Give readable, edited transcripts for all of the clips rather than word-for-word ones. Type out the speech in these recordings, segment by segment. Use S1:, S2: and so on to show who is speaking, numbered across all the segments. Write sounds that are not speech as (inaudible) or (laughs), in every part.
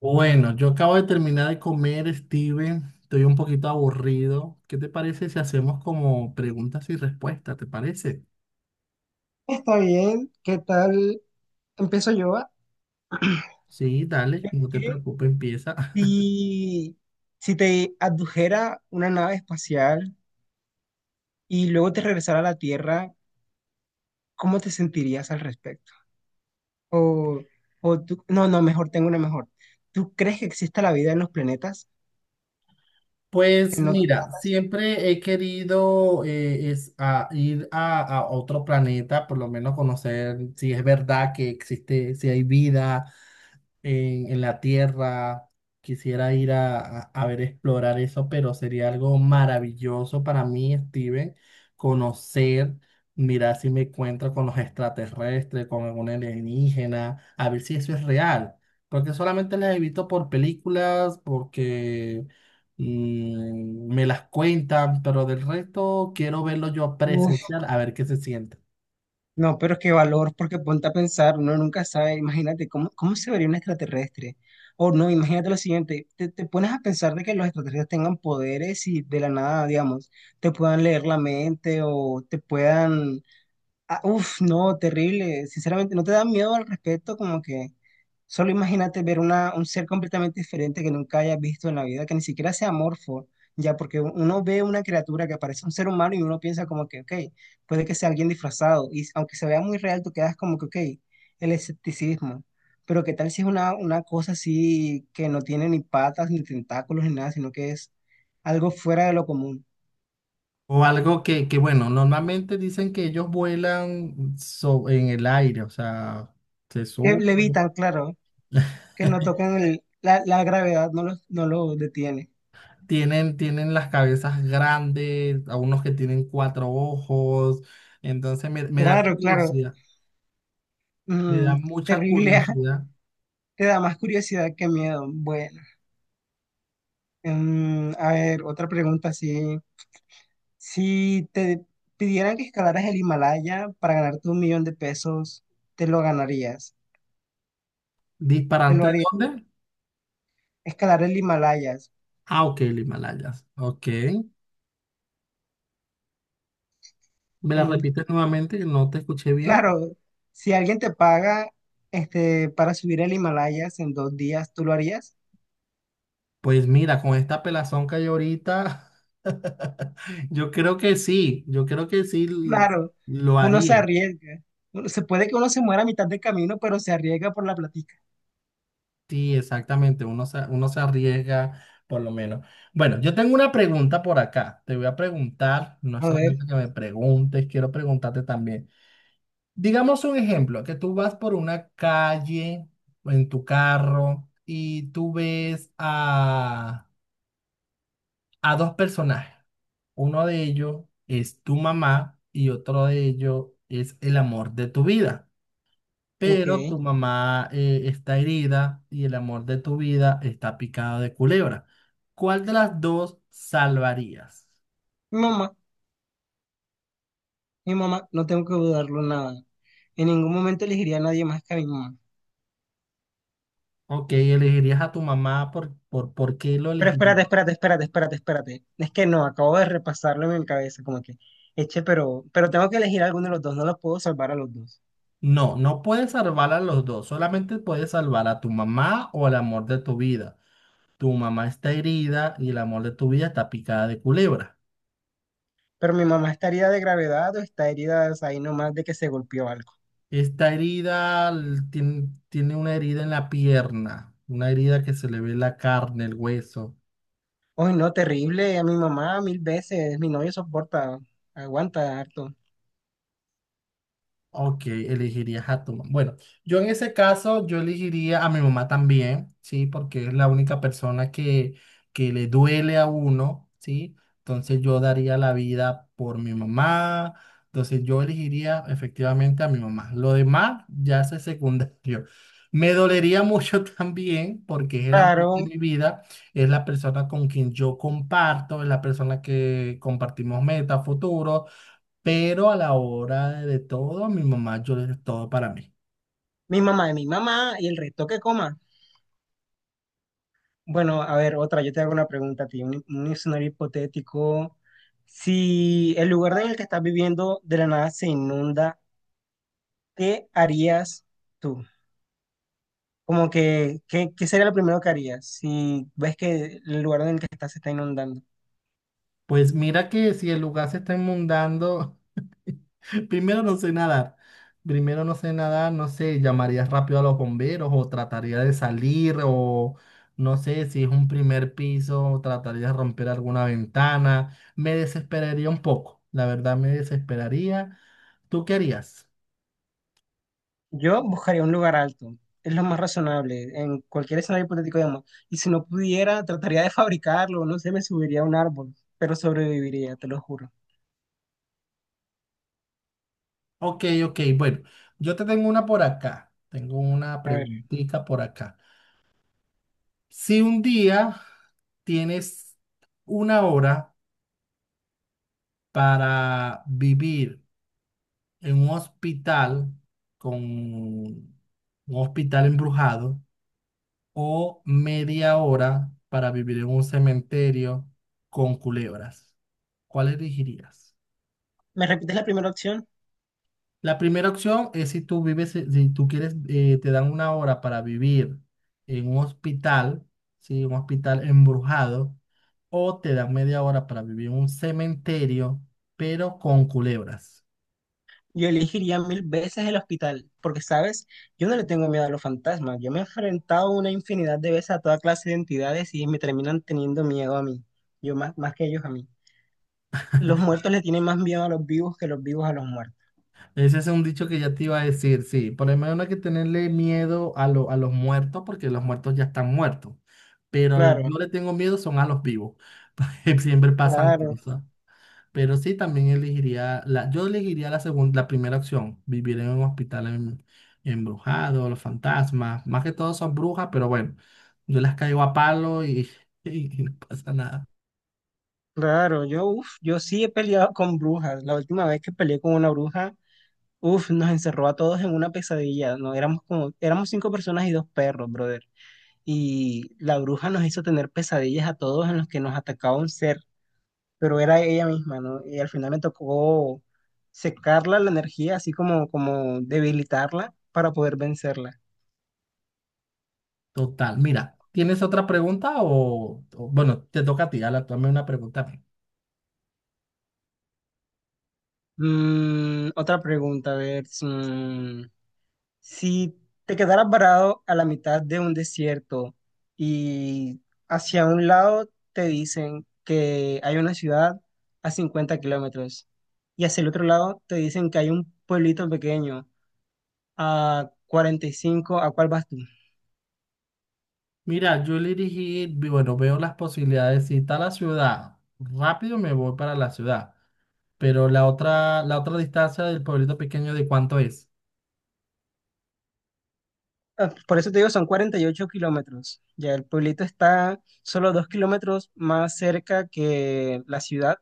S1: Bueno, yo acabo de terminar de comer, Steven. Estoy un poquito aburrido. ¿Qué te parece si hacemos como preguntas y respuestas? ¿Te parece?
S2: Está bien, ¿qué tal? Empiezo yo. ¿Va?
S1: Sí, dale, no te
S2: ¿Qué
S1: preocupes, empieza. (laughs)
S2: si, si te adujera una nave espacial y luego te regresara a la Tierra, ¿cómo te sentirías al respecto? O, o tú, no, no, mejor, tengo una mejor. ¿Tú crees que exista la vida en los planetas,
S1: Pues
S2: en otros
S1: mira,
S2: planetas?
S1: siempre he querido es a ir a otro planeta, por lo menos conocer si es verdad que existe, si hay vida, en la Tierra. Quisiera ir a ver, explorar eso, pero sería algo maravilloso para mí, Steven, conocer, mirar si me encuentro con los extraterrestres, con algún alienígena, a ver si eso es real. Porque solamente las he visto por películas, porque me las cuentan, pero del resto quiero verlo yo presencial, a ver qué se siente.
S2: No, pero qué valor, porque ponte a pensar, uno nunca sabe, imagínate cómo se vería un extraterrestre. O no, imagínate lo siguiente, te pones a pensar de que los extraterrestres tengan poderes y de la nada, digamos, te puedan leer la mente o te puedan. Ah, uf, no, terrible. Sinceramente, ¿no te da miedo al respecto? Como que solo imagínate ver un ser completamente diferente que nunca hayas visto en la vida, que ni siquiera sea amorfo, ya, porque uno ve una criatura que parece un ser humano y uno piensa como que, ok, puede que sea alguien disfrazado. Y aunque se vea muy real, tú quedas como que, ok, el escepticismo. Pero ¿qué tal si es una cosa así que no tiene ni patas, ni tentáculos, ni nada, sino que es algo fuera de lo común?
S1: O algo bueno, normalmente dicen que ellos vuelan en el aire, o sea, se
S2: Que levitan,
S1: suben.
S2: claro. Que no
S1: (laughs)
S2: tocan la gravedad, no los detiene.
S1: Tienen las cabezas grandes, a unos que tienen cuatro ojos. Entonces me da
S2: Claro, claro.
S1: curiosidad, me da
S2: Mm,
S1: mucha
S2: terrible,
S1: curiosidad.
S2: (laughs) te da más curiosidad que miedo. Bueno, a ver, otra pregunta, si te pidieran que escalaras el Himalaya para ganarte 1 millón de pesos, ¿te lo ganarías? ¿Te lo
S1: ¿Disparante de
S2: harías?
S1: dónde?
S2: Escalar el Himalaya.
S1: Ah, ok, el Himalayas. Ok. ¿Me la
S2: con-
S1: repites nuevamente que no te escuché bien?
S2: claro, si alguien te paga este, para subir el Himalaya en 2 días, ¿tú lo harías?
S1: Pues mira, con esta pelazón que hay ahorita, (laughs) yo creo que sí, yo creo que
S2: Claro,
S1: lo
S2: uno se
S1: haría.
S2: arriesga. Se puede que uno se muera a mitad de camino, pero se arriesga por la platica.
S1: Sí, exactamente, uno se arriesga por lo menos. Bueno, yo tengo una pregunta por acá, te voy a preguntar, no es
S2: A
S1: solamente
S2: ver,
S1: que me preguntes, quiero preguntarte también. Digamos un ejemplo, que tú vas por una calle en tu carro y tú ves a dos personajes. Uno de ellos es tu mamá y otro de ellos es el amor de tu vida.
S2: ok.
S1: Pero tu mamá está herida y el amor de tu vida está picado de culebra. ¿Cuál de las dos salvarías?
S2: Mamá, mi mamá, no tengo que dudarlo nada. En ningún momento elegiría a nadie más que a mi mamá.
S1: Ok, elegirías a tu mamá ¿por qué lo
S2: Pero
S1: elegirías?
S2: espérate, espérate, espérate, espérate, espérate. Es que no, acabo de repasarlo en mi cabeza, como que, eche, pero tengo que elegir a alguno de los dos, no los puedo salvar a los dos.
S1: No, no puedes salvar a los dos, solamente puedes salvar a tu mamá o al amor de tu vida. Tu mamá está herida y el amor de tu vida está picada de culebra.
S2: Pero mi mamá está herida de gravedad o está herida o sea, ahí nomás de que se golpeó algo.
S1: Esta herida tiene una herida en la pierna, una herida que se le ve la carne, el hueso.
S2: Ay, no, terrible, a mi mamá mil veces, mi novio soporta, aguanta harto.
S1: Ok, elegirías a tu mamá. Bueno, yo en ese caso, yo elegiría a mi mamá también, ¿sí? Porque es la única persona que le duele a uno, ¿sí? Entonces yo daría la vida por mi mamá. Entonces yo elegiría efectivamente a mi mamá. Lo demás ya es secundario. Me dolería mucho (laughs) también porque es el amor de
S2: Claro,
S1: mi vida, es la persona con quien yo comparto, es la persona que compartimos metas, futuros, pero a la hora de todo, a mi mamá yo le doy todo para mí.
S2: mi mamá es mi mamá y el resto que coma. Bueno, a ver, otra, yo te hago una pregunta a ti, un escenario hipotético. Si el lugar en el que estás viviendo de la nada se inunda, ¿qué harías tú? Como que, ¿qué sería lo primero que harías si ves que el lugar en el que estás se está inundando?
S1: Pues mira que si el lugar se está inundando, (laughs) primero no sé nadar. Primero no sé nadar, no sé, llamaría rápido a los bomberos o trataría de salir o no sé si es un primer piso, trataría de romper alguna ventana. Me desesperaría un poco, la verdad me desesperaría. ¿Tú qué harías?
S2: Yo buscaría un lugar alto, es lo más razonable, en cualquier escenario hipotético, digamos. Y si no pudiera, trataría de (laughs) fabricarlo, no sé, me subiría a un árbol, pero sobreviviría, te lo juro.
S1: Ok, ok, bueno, yo te tengo una por acá. Tengo una preguntita por acá. Si un día tienes una hora para vivir en un hospital con un hospital embrujado o media hora para vivir en un cementerio con culebras, ¿cuál elegirías?
S2: ¿Me repites la primera opción?
S1: La primera opción es si tú vives, si tú quieres, te dan una hora para vivir en un hospital, ¿sí? Un hospital embrujado, o te dan media hora para vivir en un cementerio, pero con culebras.
S2: Yo elegiría mil veces el hospital, porque, ¿sabes? Yo no le tengo miedo a los fantasmas. Yo me he enfrentado una infinidad de veces a toda clase de entidades y me terminan teniendo miedo a mí. Yo más, más que ellos a mí. Los muertos le tienen más miedo a los vivos que los vivos a los muertos.
S1: Ese es un dicho que ya te iba a decir, sí. Por lo menos no hay que tenerle miedo a los muertos, porque los muertos ya están muertos. Pero yo
S2: Claro,
S1: le tengo miedo son a los vivos. (laughs) Siempre pasan
S2: claro,
S1: cosas. Pero sí, también elegiría, la, yo elegiría la segunda, la primera opción, vivir en un hospital embrujado, los fantasmas, más que todo son brujas, pero bueno, yo las caigo a palo y, (laughs) y no pasa nada.
S2: claro. Yo, uf, yo sí he peleado con brujas. La última vez que peleé con una bruja, uf, nos encerró a todos en una pesadilla. No, éramos cinco personas y dos perros, brother. Y la bruja nos hizo tener pesadillas a todos en los que nos atacaba un ser, pero era ella misma, ¿no? Y al final me tocó secarla la energía, así como debilitarla para poder vencerla.
S1: Total, mira, ¿tienes otra pregunta o- bueno, te toca a ti, Ala, tú hazme una pregunta a mí.
S2: Otra pregunta, a ver, si te quedaras varado a la mitad de un desierto y hacia un lado te dicen que hay una ciudad a 50 kilómetros y hacia el otro lado te dicen que hay un pueblito pequeño a 45. ¿A cuál vas tú?
S1: Mira, yo le dije, bueno, veo las posibilidades, si está la ciudad, rápido me voy para la ciudad, pero la otra distancia del pueblito pequeño, ¿de cuánto es?
S2: Ah, por eso te digo, son 48 kilómetros. Ya el pueblito está solo 2 kilómetros más cerca que la ciudad,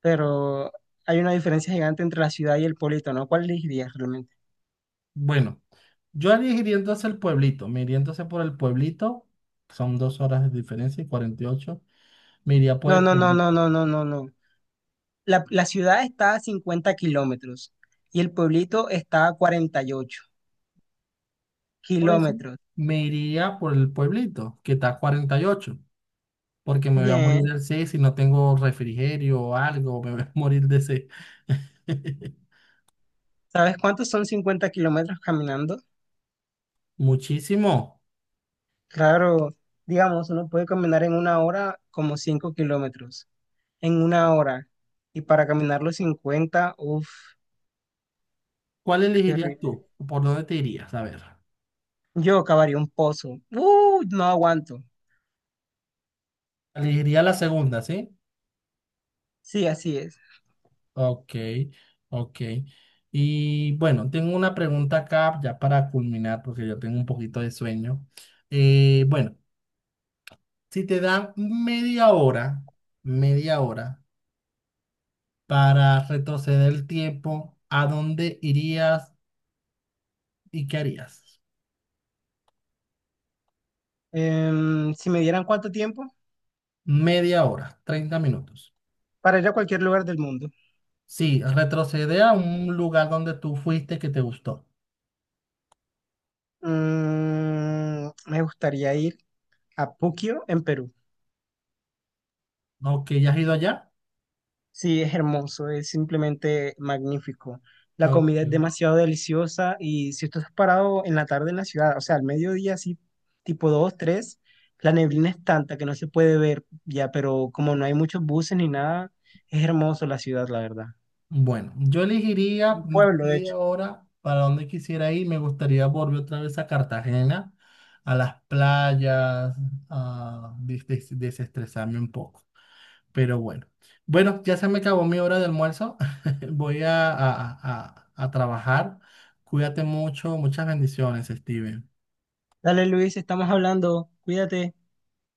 S2: pero hay una diferencia gigante entre la ciudad y el pueblito, ¿no? ¿Cuál elegirías realmente?
S1: Bueno. Yo haría iría hacia el pueblito, me iría entonces por el pueblito, son 2 horas de diferencia y 48, me iría por
S2: No,
S1: el
S2: no, no,
S1: pueblito.
S2: no, no, no, no, no. La ciudad está a 50 kilómetros y el pueblito está a cuarenta y ocho
S1: Por eso
S2: kilómetros.
S1: me iría por el pueblito, que está a 48, porque me voy a morir
S2: Bien,
S1: del sed si no tengo refrigerio o algo, me voy a morir de sed. (laughs)
S2: ¿sabes cuántos son 50 kilómetros caminando?
S1: Muchísimo.
S2: Claro, digamos, uno puede caminar en una hora como 5 kilómetros, en una hora. Y para caminar los 50 uff,
S1: ¿Cuál
S2: qué
S1: elegirías
S2: rico.
S1: tú? ¿Por dónde te irías? A ver.
S2: Yo cavaría un pozo. No aguanto.
S1: Elegiría la segunda, ¿sí?
S2: Sí, así es.
S1: Ok, ok. Y bueno, tengo una pregunta acá ya para culminar, porque yo tengo un poquito de sueño. Bueno, si te dan media hora para retroceder el tiempo, ¿a dónde irías y qué harías?
S2: Si me dieran cuánto tiempo
S1: Media hora, 30 minutos.
S2: para ir a cualquier lugar del mundo.
S1: Sí, retroceder a un lugar donde tú fuiste que te gustó.
S2: Me gustaría ir a Puquio, en Perú.
S1: Ok, ¿ya has ido allá?
S2: Sí, es hermoso, es simplemente magnífico. La
S1: Ok.
S2: comida es demasiado deliciosa y si tú estás parado en la tarde en la ciudad, o sea, al mediodía, así tipo 2, 3, la neblina es tanta que no se puede ver ya, pero como no hay muchos buses ni nada, es hermoso la ciudad, la verdad.
S1: Bueno, yo elegiría
S2: Un pueblo, de
S1: y
S2: hecho.
S1: ahora para donde quisiera ir. Me gustaría volver otra vez a Cartagena, a las playas, a desestresarme un poco. Pero bueno, bueno, ya se me acabó mi hora de almuerzo. (laughs) Voy a trabajar. Cuídate mucho. Muchas bendiciones, Steven.
S2: Dale, Luis, estamos hablando. Cuídate.